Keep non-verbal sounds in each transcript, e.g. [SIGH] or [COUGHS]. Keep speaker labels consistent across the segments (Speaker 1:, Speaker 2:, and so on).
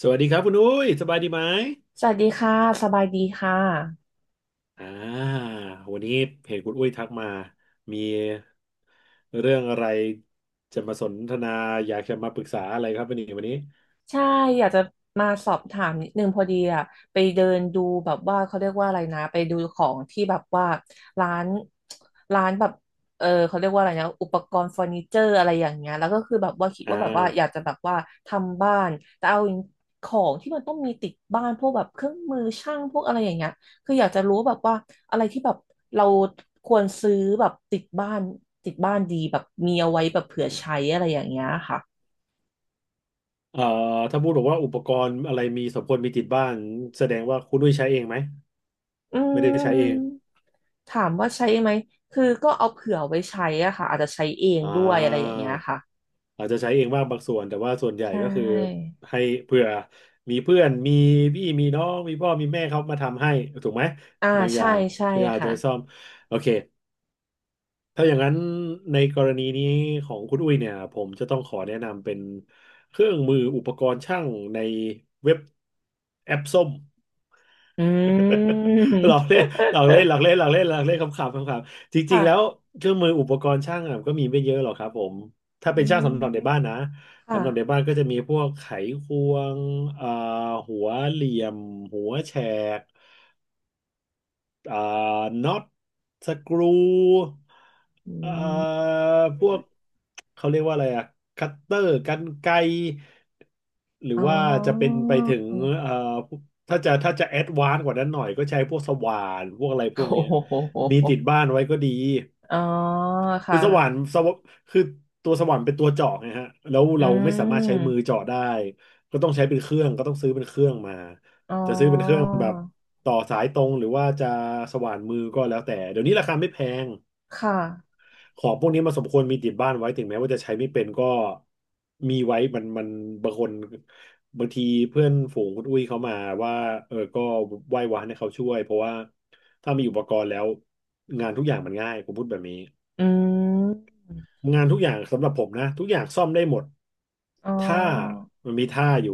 Speaker 1: สวัสดีครับคุณอุ้ยสบายดีไหม
Speaker 2: สวัสดีค่ะสบายดีค่ะ
Speaker 1: อ่าวันนี้เพจคุณอุ้ยทักมา มีเรื่องอะไรจะมาสนทนาอยากจะมาปรึกษาอะไรครับวันนี้
Speaker 2: ใช่อยากจะมาสอบถามนิดนึงพอดีอะไปเดินดูแบบว่าเขาเรียกว่าอะไรนะไปดูของที่แบบว่าร้านร้านแบบเขาเรียกว่าอะไรนะอุปกรณ์เฟอร์นิเจอร์อะไรอย่างเงี้ยแล้วก็คือแบบว่าคิด
Speaker 1: อ่า
Speaker 2: ว่าแบบว่าอยากจะแบบว่าทำบ้านแต่เอาของที่มันต้องมีติดบ้านพวกแบบเครื่องมือช่างพวกอะไรอย่างเงี้ยคืออยากจะรู้แบบว่าอะไรที่แบบเราควรซื้อแบบติดบ้านติดบ้านดีแบบมีเอาไว้แบบเผื่อใช้อะไรอย่างเงี้ยค่ะ
Speaker 1: เอ่อถ้าพูดบอกว่าอุปกรณ์อะไรมีสมควรมีติดบ้านแสดงว่าคุณอุ้ยใช้เองไหม
Speaker 2: อื
Speaker 1: ไม่ได้
Speaker 2: ม
Speaker 1: ใช้เอง
Speaker 2: ถามว่าใช้ไหมคือก็เอาเผื่อไว้ใช้อะค่ะอาจจะใช้เอง
Speaker 1: อ่
Speaker 2: ด้วยอะไรอย่าง
Speaker 1: า
Speaker 2: เงี้ยค่ะ
Speaker 1: อาจจะใช้เองบ้างบางส่วนแต่ว่าส่วนใหญ่
Speaker 2: ใช
Speaker 1: ก็คือ
Speaker 2: ่
Speaker 1: ให้เผื่อมีเพื่อนมีพี่มีน้องมีพ่อมีแม่เขามาทำให้ถูกไหม
Speaker 2: อ่า
Speaker 1: บางอ
Speaker 2: ใช่
Speaker 1: ย่าง
Speaker 2: ใช่
Speaker 1: ที่อาจ
Speaker 2: ค่ะ
Speaker 1: จะซ่อมโอเค ถ้าอย่างนั้นในกรณีนี้ของคุณอุ้ยเนี่ยผมจะต้องขอแนะนำเป็นเครื่องมืออุปกรณ์ช่างในเว็บแอปส้ม
Speaker 2: อื
Speaker 1: [LAUGHS] หลอก
Speaker 2: ม
Speaker 1: เล่นหลอกเล่นหลอกเล่นหลอกเล่นหลอกเล่นคำขำคำขำจริงๆแล้ว
Speaker 2: ค่ะ
Speaker 1: เครื่องมืออุปกรณ์ช่างอะก็มีไม่เยอะหรอกครับผมถ้า
Speaker 2: อื
Speaker 1: เป็นช่างสำหรับในบ้าน
Speaker 2: ม
Speaker 1: นะ
Speaker 2: ค่ะ
Speaker 1: สำหรับในบ้านก็จะมีพวกไขควงเอ่อหัวเหลี่ยมหัวแฉก อ่าน็อตสกรูอ่าพ
Speaker 2: อื
Speaker 1: วก
Speaker 2: ม
Speaker 1: เขาเรียกว่าอะไรอะคัตเตอร์กรรไกรหรือ
Speaker 2: อ๋
Speaker 1: ว่าจะเป็น
Speaker 2: อ
Speaker 1: ไปถึงเอ่อถ้าจะแอดวานซ์กว่านั้นหน่อยก็ใช้พวกสว่านพวกอะไรพ
Speaker 2: โอ้
Speaker 1: วกเนี้ย
Speaker 2: โ
Speaker 1: มี
Speaker 2: ห
Speaker 1: ติดบ้านไว้ก็ดี
Speaker 2: อ๋อ
Speaker 1: คือสว่าน
Speaker 2: ค่ะ
Speaker 1: สวคือตัวสว่านเป็นตัวเจาะไงฮะแล้ว
Speaker 2: อื
Speaker 1: เราไม่สามารถใช้มือ
Speaker 2: ม
Speaker 1: เจาะได้ ก็ต้องใช้เป็นเครื่อง ก็ต้องซื้อเป็นเครื่องมา
Speaker 2: อ๋
Speaker 1: จะซื้อเป็นเครื่อ
Speaker 2: อ
Speaker 1: งแบบต่อสายตรงหรือว่าจะสว่านมือก็แล้วแต่เดี๋ยวนี้ราคาไม่แพง
Speaker 2: ค่ะ
Speaker 1: ของพวกนี้มันสมควรมีติดบ้านไว้ถึงแม้ว่าจะใช้ไม่เป็นก็มีไว้มันบางคนบางทีเพื่อนฝูงคุณอุ้ยเขามาว่าเออก็ไหว้วานให้เขาช่วย เพราะว่าถ้ามีอุปกรณ์แล้วงานทุกอย่างมันง่ายผมพูดแบบนี้
Speaker 2: อืม
Speaker 1: งานทุกอย่างสำหรับผมนะทุกอย่างซ่อมได้หมด
Speaker 2: อ๋อ
Speaker 1: ถ้ามันมีท่าอยู่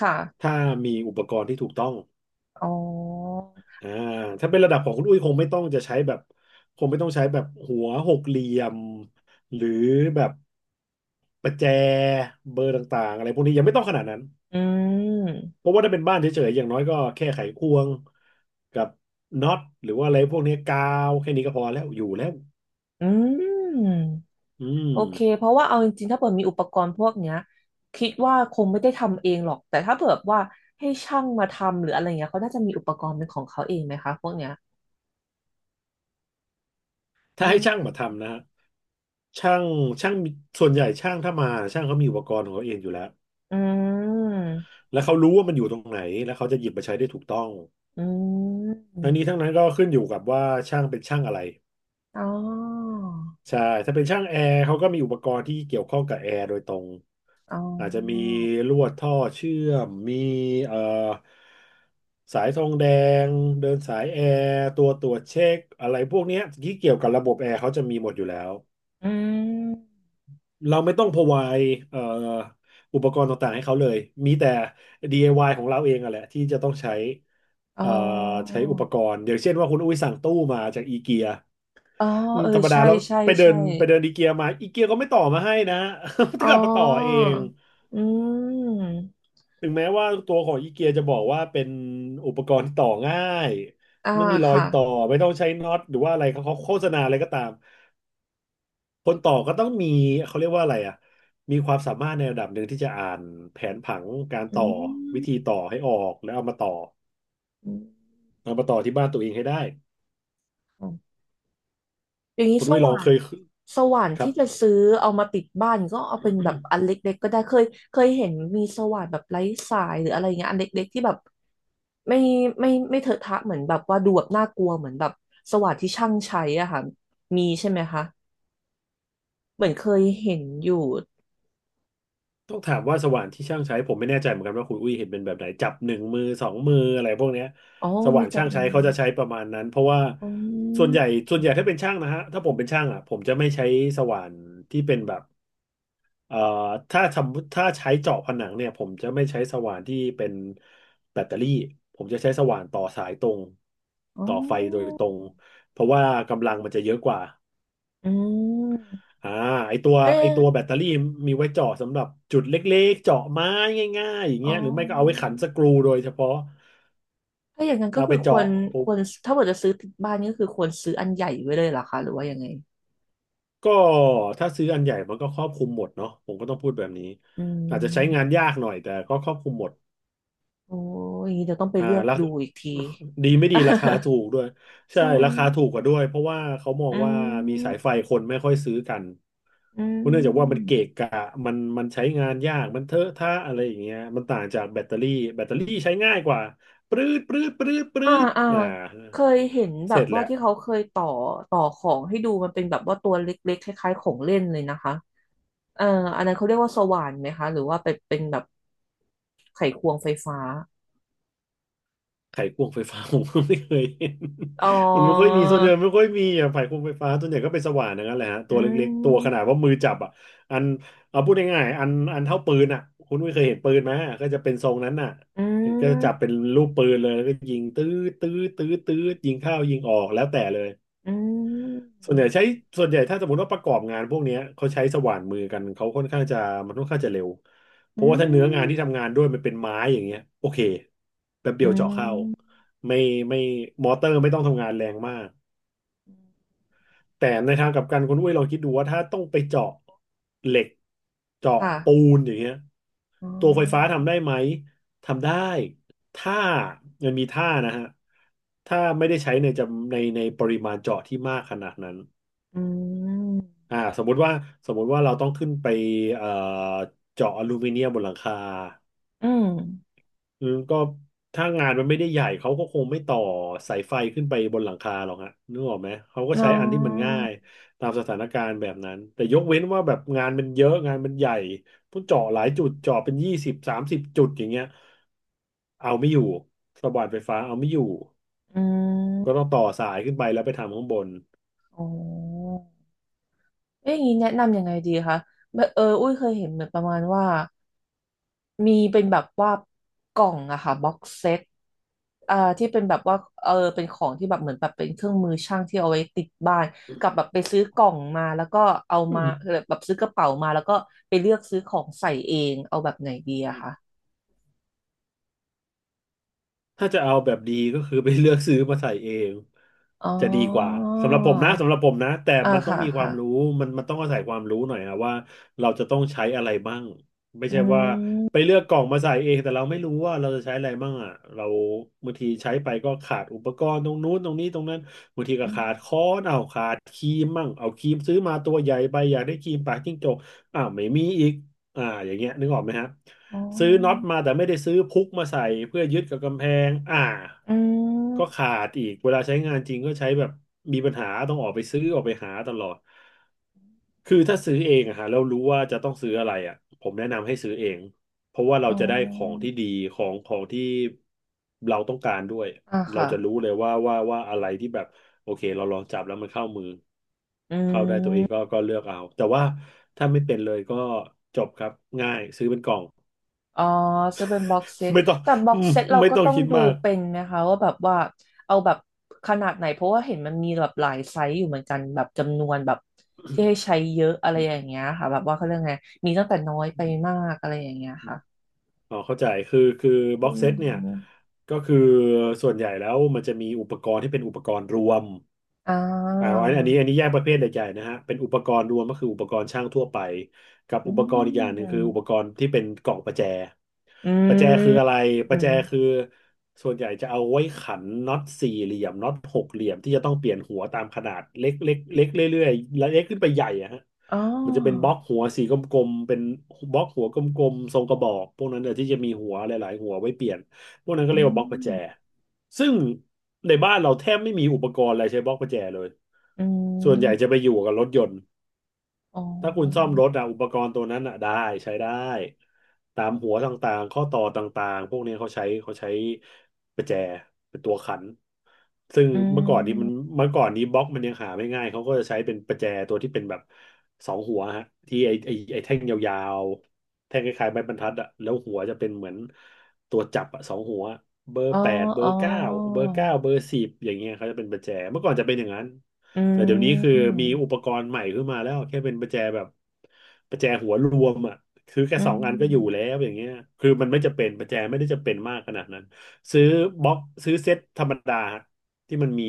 Speaker 2: ค่ะ
Speaker 1: ถ้ามีอุปกรณ์ที่ถูกต้อง
Speaker 2: อ๋อ
Speaker 1: อ่าถ้าเป็นระดับของคุณอุ้ยคงไม่ต้องจะใช้แบบคงไม่ต้องใช้แบบหัวหกเหลี่ยมหรือแบบประแจเบอร์ต่างๆอะไรพวกนี้ยังไม่ต้องขนาดนั้น
Speaker 2: อืม
Speaker 1: เพราะว่าถ้าเป็นบ้านเฉยๆอย่างน้อยก็แค่ไขควงกับน็อตหรือว่าอะไรพวกนี้กาวแค่นี้ก็พอแล้วอยู่แล้ว
Speaker 2: อืม
Speaker 1: อื
Speaker 2: โอเค
Speaker 1: ม
Speaker 2: เพราะว่าเอาจริงๆถ้าเปิดมีอุปกรณ์พวกเนี้ยคิดว่าคงไม่ได้ทำเองหรอกแต่ถ้าเปิดว่าให้ช่างมาทำหรืออะไรเงี้ยเขาน่าจะมีอุปกรณ์เป็นของเขาเองไหมคะพวกเนี้ยอื
Speaker 1: ถ้าให้ช่าง
Speaker 2: ม
Speaker 1: มาทำนะ ช่างช่างมีส่วนใหญ่ช่างถ้ามาช่างเขามีอุปกรณ์ของเขาเองอยู่แล้ว
Speaker 2: อืม
Speaker 1: แล้วเขารู้ว่ามันอยู่ตรงไหนแล้วเขาจะหยิบมาใช้ได้ถูกต้อง
Speaker 2: อืม
Speaker 1: ทั้งนี้ทั้งนั้นก็ขึ้นอยู่กับว่าช่างเป็นช่างอะไร
Speaker 2: อ๋อ
Speaker 1: ใช่ถ้าเป็นช่างแอร์เขาก็มีอุปกรณ์ที่เกี่ยวข้องกับแอร์โดยตรง
Speaker 2: อ๋อ
Speaker 1: อาจจะมีลวดท่อเชื่อมมีเอ่อสายทองแดงเดินสายแอร์ตัวตรวจเช็คอะไรพวกเนี้ยที่เกี่ยวกับระบบแอร์เขาจะมีหมดอยู่แล้ว
Speaker 2: อืม
Speaker 1: เราไม่ต้อง provide อุปกรณ์ต่างๆให้เขาเลยมีแต่ DIY ของเราเองอะแหละที่จะต้องใช้
Speaker 2: อ๋อ
Speaker 1: เอ่อใช้อุปกรณ์อย่างเช่นว่าคุณอุ้ยสั่งตู้มาจากอีเกีย
Speaker 2: อ๋อเออ
Speaker 1: ธรรมดา
Speaker 2: ใช่
Speaker 1: แล้ว
Speaker 2: ใช่
Speaker 1: ไปเดิ
Speaker 2: ใช่
Speaker 1: นไปเดินอีเกียมาอีเกียก็ไม่ต่อมาให้นะ [LAUGHS] ต้
Speaker 2: อ๋
Speaker 1: อ
Speaker 2: อ
Speaker 1: งกลับมาต่อเอง
Speaker 2: อืม
Speaker 1: ถึงแม้ว่าตัวของอีเกียจะบอกว่าเป็นอุปกรณ์ที่ต่อง่าย
Speaker 2: อ่า
Speaker 1: ไม่มีรอย
Speaker 2: ค่ะ
Speaker 1: ต่อไม่ต้องใช้น็อตหรือว่าอะไรเขาโฆษณาอะไรก็ตาม คนต่อก็ต้องมีเขาเรียกว่าอะไรอ่ะมีความสามารถในระดับหนึ่งที่จะอ่านแผนผังการ
Speaker 2: อื
Speaker 1: ต่อวิ
Speaker 2: ม
Speaker 1: ธีต่อให้ออกแล้วเอามาต่อ
Speaker 2: อ
Speaker 1: เอามาต่อที่บ้านตัวเองให้ได้
Speaker 2: ืม อย่างนี้
Speaker 1: คุณ
Speaker 2: ส
Speaker 1: อุ้ยลอง
Speaker 2: ว่า
Speaker 1: เค
Speaker 2: น
Speaker 1: ย
Speaker 2: สว่าน
Speaker 1: ครั
Speaker 2: ที่
Speaker 1: บ
Speaker 2: จะซื้อเอามาติดบ้านก็เอาเป็นแบบอัน
Speaker 1: [COUGHS]
Speaker 2: เล็กๆก็ได้เคยเคยเห็นมีสว่านแบบไร้สายหรืออะไรเงี้ยอันเล็กๆที่แบบไม่ไม่เถอะทะเหมือนแบบว่าดูแบบน่ากลัวเหมือนแบบสว่านที่ช่างใช้อะค่ะมีใช่ไหมคะเหมือนเคยเห็นอยู่
Speaker 1: [CLEARS THROAT] ต้องถามว่าสว่านที่ช่างใช้ผมไม่แน่ใจเหมือนกันว่าคุณอุ้ยเห็นเป็นแบบไหนจับหนึ่งมือสองมืออะไรพวกเนี้ย
Speaker 2: อ๋อ
Speaker 1: สว่า
Speaker 2: มี
Speaker 1: น
Speaker 2: จับ
Speaker 1: ช่าง
Speaker 2: มื
Speaker 1: ใช้
Speaker 2: อ
Speaker 1: เขาจะใช้ประมาณนั้นเพราะว่า
Speaker 2: อื
Speaker 1: ส่วนใหญ่
Speaker 2: ม
Speaker 1: ส่วนใหญ่ถ้าเป็นช่างนะฮะถ้าผมเป็นช่างอ่ะผมจะไม่ใช้สว่านที่เป็นแบบ เอ่อถ้าสมมุติถ้าใช้เจาะผนังเนี่ยผมจะไม่ใช้สว่านที่เป็นแบตเตอรี่ผมจะใช้สว่านต่อสายตรง
Speaker 2: อ๋
Speaker 1: ต่อไฟโดย
Speaker 2: อ
Speaker 1: ตรงเพราะว่ากำลังมันจะเยอะกว่า
Speaker 2: อืม
Speaker 1: อ่าไอตัว
Speaker 2: เอ๊
Speaker 1: ไอ
Speaker 2: ะ
Speaker 1: ตัวแบตเตอรี่มีไว้เจาะสำหรับจุดเล็กๆเจาะไม้ง่ายๆอย่าง
Speaker 2: อ๋อ
Speaker 1: เงี้ยหรือไม่ก็เอาไว้ขันสกรูโดยเฉพาะ
Speaker 2: ถ้าอย่างนั้นก็
Speaker 1: เอาไป
Speaker 2: คือคว
Speaker 1: เจาะ
Speaker 2: รค
Speaker 1: ปุ๊บ
Speaker 2: วรถ้าเกิดจะซื้อติดบ้านนี่ก็คือควรซื้ออันใหญ่ไว้เลยเหรอคะหรือว่ายังไง
Speaker 1: ก็ถ้าซื้ออันใหญ่มันก็ครอบคลุมหมดเนาะผมก็ต้องพูดแบบนี้
Speaker 2: อื
Speaker 1: อาจจะใช้งาน
Speaker 2: ม
Speaker 1: ยากหน่อยแต่ก็ครอบคลุมหมด
Speaker 2: โอ้ยอย่างนี้เดี๋ยวต้องไปเลือก
Speaker 1: แล้ว
Speaker 2: ดูอีกที
Speaker 1: [LAUGHS] ดีไม่ดีราคาถูกด้วย
Speaker 2: [LAUGHS]
Speaker 1: ใช่
Speaker 2: ใช่
Speaker 1: ราคาถูกกว่าด้วยเพราะว่าเขามอ
Speaker 2: อื
Speaker 1: งว่ามีสายไฟ
Speaker 2: ม
Speaker 1: คนไม่ค่อยซื้อกัน
Speaker 2: อื
Speaker 1: เพราะเนื่องจากว่ามัน
Speaker 2: ม
Speaker 1: เกะกะมันใช้งานยากมันเทอะทะอะไรอย่างเงี้ยมันต่างจากแบตเตอรี่แบตเตอรี่ใช้ง่ายกว่าปรื๊ดปรื๊ดปรื๊ดปรื๊
Speaker 2: อ่า
Speaker 1: ด
Speaker 2: อ่าเคยเห็นแบ
Speaker 1: เส
Speaker 2: บ
Speaker 1: ร็จ
Speaker 2: ว่า
Speaker 1: แล้ว
Speaker 2: ที่เขาเคยต่อของให้ดูมันเป็นแบบว่าตัวเล็กๆคล้ายๆของเล่นเลยนะคะเอ่ออันนั้นเขาเรียกว่าสว่านไหมคะหรือว่าเป็นเป็นแบบไขควงไฟฟ้า
Speaker 1: ไขควงไฟฟ้า [LAUGHS] ผมก็ไม่เคยเห็น
Speaker 2: อ๋อ
Speaker 1: มันไม่ค่อยมีส่วนใหญ่ไม่ค่อยมีอ่ะไขควงไฟฟ้าส่วนใหญ่ก็เป็นสว่านอย่างนั้นแหละฮะตั
Speaker 2: อื
Speaker 1: วเล็กๆ ตัวขนา
Speaker 2: ม
Speaker 1: ดว่ามือจับอ่ะอันเอาพูดง่ายๆอันเท่าปืนอ่ะคุณไม่เคยเห็นปืนไหมก็จะเป็นทรงนั้นน่ะก็จะจับเป็นลูกปืนเลยแล้วก็ยิงตื้อตื้อตื้อตื้อยิงเข้ายิงออกแล้วแต่เลย
Speaker 2: อื
Speaker 1: ส่วนใหญ่
Speaker 2: ม
Speaker 1: ใช้ส่วนใหญ่ถ้าสมมติว่าประกอบงานพวกเนี้ยเขาใช้สว่านมือกันเขาค่อนข้างจะมันค่อนข้างจะเร็วเพ
Speaker 2: อื
Speaker 1: ราะว่าถ้าเนื้องาน
Speaker 2: ม
Speaker 1: ที่ทำงานด้วยมันเป็นไม้อย่างเงี้ยโอเคแป๊บ
Speaker 2: อื
Speaker 1: เดียวเจาะเข้า
Speaker 2: ม
Speaker 1: ไม่ไม่มอเตอร์ไม่ต้องทำงานแรงมากแต่ในทางกลับกันคุณอุ้ยลองคิดดูว่าถ้าต้องไปเจาะเหล็กเจาะปู
Speaker 2: ค่ะ
Speaker 1: นอย่างเงี้ย
Speaker 2: อ๋
Speaker 1: ตัวไฟฟ้า
Speaker 2: อ
Speaker 1: ทำได้ไหมทำได้ถ้ามันมีท่านะฮะถ้าไม่ได้ใช้ในจำในปริมาณเจาะที่มากขนาดนั้น
Speaker 2: อืม
Speaker 1: อ่าสมมุติว่าสมมุติว่าเราต้องขึ้นไปเอ่อเจาะอลูมิเนียมบนหลังคา
Speaker 2: อืม
Speaker 1: อืมก็ถ้างานมันไม่ได้ใหญ่เขาก็คงไม่ต่อสายไฟขึ้นไปบนหลังคาหรอกฮะนึกออกไหมเขาก็
Speaker 2: น้
Speaker 1: ใช้
Speaker 2: อ
Speaker 1: อันที่มันง่าย
Speaker 2: ง
Speaker 1: ตามสถานการณ์แบบนั้นแต่ยกเว้นว่าแบบงานมันเยอะงานมันใหญ่ต้องเจาะหลายจุดเจาะเป็น2030จุดอย่างเงี้ยเอาไม่อยู่สว่านไฟฟ้าเอาไม่อยู่
Speaker 2: อื
Speaker 1: ก็ต้อง
Speaker 2: ม
Speaker 1: ต่อสายขึ้นไปแล้วไปทำข้างบน
Speaker 2: อ๋อเอ๊ะอย่างนี้แนะนำยังไงดีคะแบบอุ้ยเคยเห็นเหมือนประมาณว่า มีเป็นแบบว่ากล่องอะค่ะบ็อกเซตอ่าที่เป็นแบบว่าเป็นของที่แบบเหมือนแบบเป็นเครื่องมือช่างที่เอาไว้ติดบ้านกับแบบไปซื้อกล่องมาแล้วก็เอามาแบบซื้อกระเป๋ามาแล้วก็ไปเลือกซื้อของใส่เองเอาแบบไหนดีอะค่ะ
Speaker 1: ถ้าจะเอาแบบดีก็คือไปเลือกซื้อมาใส่เอง
Speaker 2: อ๋อ
Speaker 1: จะดีกว่าสำหรับผมนะสำหรับผมนะแต่
Speaker 2: อ่า
Speaker 1: มันต้อง
Speaker 2: ค่ะ
Speaker 1: มีควา
Speaker 2: ค่ะ
Speaker 1: มรู้มันต้องอาศัยความรู้หน่อยอะว่าเราจะต้องใช้อะไรบ้างไม่
Speaker 2: อื
Speaker 1: ใช่ว่าไป
Speaker 2: ม
Speaker 1: เลือกกล่องมาใส่เองแต่เราไม่รู้ว่าเราจะใช้อะไรบ้างอะเราบางทีใช้ไปก็ขาดอุปกรณ์ตรงนู้นตรงนี้ตรงนั้นบางทีก็
Speaker 2: อม
Speaker 1: ขาดค้อนเอาขาดครีมมั่งเอาครีมซื้อมาตัวใหญ่ไปอยากได้ครีมปากจิ้งจกอ้าวไม่มีอีกอ่าอย่างเงี้ยนึกออกไหมฮะ
Speaker 2: อ๋อ
Speaker 1: ซื้อน็อตมาแต่ไม่ได้ซื้อพุกมาใส่เพื่อยึดกับกำแพงอ่า
Speaker 2: อื
Speaker 1: ก็
Speaker 2: ม
Speaker 1: ขาดอีกเวลาใช้งานจริงก็ใช้แบบมีปัญหาต้องออกไปซื้อออกไปหาตลอดคือถ้าซื้อเองอะฮะแล้วรู้ว่าจะต้องซื้ออะไรอะผมแนะนำให้ซื้อเองเพราะว่าเรา
Speaker 2: อ๋อ
Speaker 1: จะได้ของที่ดีของที่เราต้องการด้วย
Speaker 2: อ่า
Speaker 1: เรา
Speaker 2: ค่ะ
Speaker 1: จะรู้เลยว่าอะไรที่แบบโอเคเราลองจับแล้วมันเข้ามือ
Speaker 2: อื
Speaker 1: เข้าได้ตัวเองก็
Speaker 2: ม
Speaker 1: ก็เลือกเอาแต่ว่าถ้าไม่เป็นเลยก็จบครับง่ายซื้อเป็นกล่อง
Speaker 2: อ๋อซื้อเป็นบ็อกเซ
Speaker 1: [LAUGHS]
Speaker 2: ต
Speaker 1: ไม่ต้อง
Speaker 2: แต่บ็
Speaker 1: [LAUGHS]
Speaker 2: อ
Speaker 1: อื
Speaker 2: ก
Speaker 1: ม
Speaker 2: เซตเรา
Speaker 1: ไม่
Speaker 2: ก็
Speaker 1: ต้อง
Speaker 2: ต้อง
Speaker 1: คิด
Speaker 2: ดู
Speaker 1: มาก
Speaker 2: เป็นไหมคะว่าแบบว่าเอาแบบขนาดไหนเพราะว่าเห็นมันมีแบบหลายไซส์อยู่เหมือนกันแบบจำนวนแบบที่ให้ใช้เยอะอะไรอย่างเงี้ยค่ะแบบว่าเขาเรื่องไงมีตั้งแต่น้อยไปมากอะไรอย่างเงี้ยค่ะ
Speaker 1: อ๋อเข้าใจคือบ็
Speaker 2: อื
Speaker 1: อกเซตเนี่ย
Speaker 2: ม
Speaker 1: ก็คือส่วนใหญ่แล้วมันจะมีอุปกรณ์ที่เป็นอุปกรณ์รวม
Speaker 2: อ่
Speaker 1: อ่า
Speaker 2: า
Speaker 1: อันอันนี้แยกประเภทใหญ่ๆนะฮะเป็นอุปกรณ์รวมก็คืออุปกรณ์ช่างทั่วไปกับ
Speaker 2: อื
Speaker 1: อุปกรณ์อีกอย่างหนึ่งคืออุปก
Speaker 2: ม
Speaker 1: รณ์ที่เป็นกล่องประแจ
Speaker 2: อ
Speaker 1: ประแจคือ
Speaker 2: ื
Speaker 1: อะไรป
Speaker 2: ม
Speaker 1: ระแจคือส่วนใหญ่จะเอาไว้ขันน็อตสี่เหลี่ยมน็อตหกเหลี่ยมที่จะต้องเปลี่ยนหัวตามขนาดเล็กเรื่อยๆและเล็กขึ้นไปใหญ่อะฮะ
Speaker 2: อ๋
Speaker 1: มันจะเป็นบล็
Speaker 2: อ
Speaker 1: อกหัวสีกลมๆเป็นบล็อกหัวกลมๆทรงกระบอกพวกนั้นเนี่ยที่จะมีหัวหลายๆหัวไว้เปลี่ยนพวกนั้นก็
Speaker 2: อื
Speaker 1: เรียกว่าบล็อกประแจ
Speaker 2: ม
Speaker 1: ซึ่งในบ้านเราแทบไม่มีอุปกรณ์อะไรใช้บล็อกประแจเลย
Speaker 2: อื
Speaker 1: ส่วนใหญ่จะ
Speaker 2: ม
Speaker 1: ไปอยู่กับรถยนต์
Speaker 2: อ๋อ
Speaker 1: ถ้าคุณซ่อมรถอะอุปกรณ์ตัวนั้นอะได้ใช้ได้ตามหัวต่างๆข้อต่อต่างๆพวกนี้เขาใช้ประแจเป็นตัวขันซึ่ง
Speaker 2: อื
Speaker 1: เมื่อก่อนนี้มัน
Speaker 2: ม
Speaker 1: เมื่อก่อนนี้บล็อกมันยังหาไม่ง่ายเขาก็จะใช้เป็นประแจตัวที่เป็นแบบสองหัวฮะที่ไอไอไอแท่งยาวๆแท่งคล้ายๆไม้บรรทัดอะแล้วหัวจะเป็นเหมือนตัวจับอะสองหัวเบอร์
Speaker 2: อ๋อ
Speaker 1: 8เบอ
Speaker 2: อ๋อ
Speaker 1: ร์เก้าเบอร์เก้าเบอร์สิบอย่างเงี้ยเขาจะเป็นประแจเมื่อก่อนจะเป็นอย่างนั้น
Speaker 2: อื
Speaker 1: แต่เดี๋ยวนี้คือ
Speaker 2: ม
Speaker 1: มีอุปกรณ์ใหม่ขึ้นมาแล้วแค่เป็นประแจแบบประแจหัวรวมอ่ะคือแค่
Speaker 2: อื
Speaker 1: สอ
Speaker 2: ม
Speaker 1: งอันก็อยู่แล้วอย่างเงี้ยคือมันไม่จะเป็นประแจไม่ได้จะเป็นมากขนาดนั้นซื้อบล็อกซื้อเซ็ตธรรมดาที่มันมี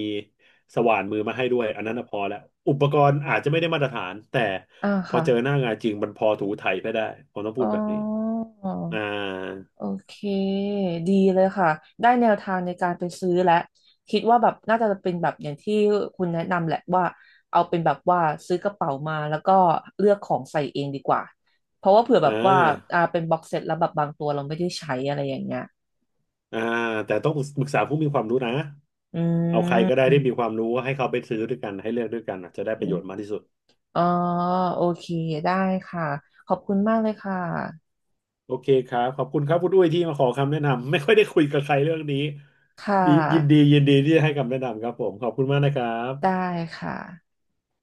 Speaker 1: สว่านมือมาให้ด้วยอันนั้นน่ะพอแล้วอุปกรณ์อาจจะไม่ได้มาตรฐานแต่
Speaker 2: อ่า
Speaker 1: พอ
Speaker 2: ค่ะ
Speaker 1: เจอหน้างานจริงมันพอถูไถไปได้ผมต้องพู
Speaker 2: อ๋
Speaker 1: ดแบบนี้
Speaker 2: อ
Speaker 1: อ่า
Speaker 2: โอเคดีเลยค่ะได้แนวทางในการไปซื้อแล้ว คิดว่าแบบน่าจะเป็นแบบอย่างที่คุณแนะนำแหละว่า เอาเป็นแบบว่าซื้อกระเป๋ามาแล้วก็เลือกของใส่เองดีกว่าเพราะว่าเผื่อแบ
Speaker 1: อ่
Speaker 2: บว่า
Speaker 1: า
Speaker 2: อ่าเป็นบ็อกเซตแล้วแบบบางตัวเราไม่ได้ใช้อะไรอย่างเงี้ย
Speaker 1: อ่าแต่ต้องปรึกษาผู้มีความรู้นะ
Speaker 2: อื
Speaker 1: เอาใครก็ได้ที่มี
Speaker 2: ม
Speaker 1: ความรู้ให้เขาไปซื้อด้วยกันให้เลือกด้วยกันอ่ะจะได้ป
Speaker 2: อื
Speaker 1: ระโย
Speaker 2: ม
Speaker 1: ชน์มากที่สุด
Speaker 2: อ๋อโอเคได้ค่ะขอบคุณมากเลยค่ะ
Speaker 1: โอเคครับขอบคุณครับคุณอุ้ยที่มาขอคำแนะนำไม่ค่อยได้คุยกับใครเรื่องนี้
Speaker 2: ค่
Speaker 1: ดียินดี
Speaker 2: ะ
Speaker 1: ยินดีที่จะให้คำแนะนำครับผมขอบคุณมากนะครั
Speaker 2: ได้
Speaker 1: บ
Speaker 2: ค่ะ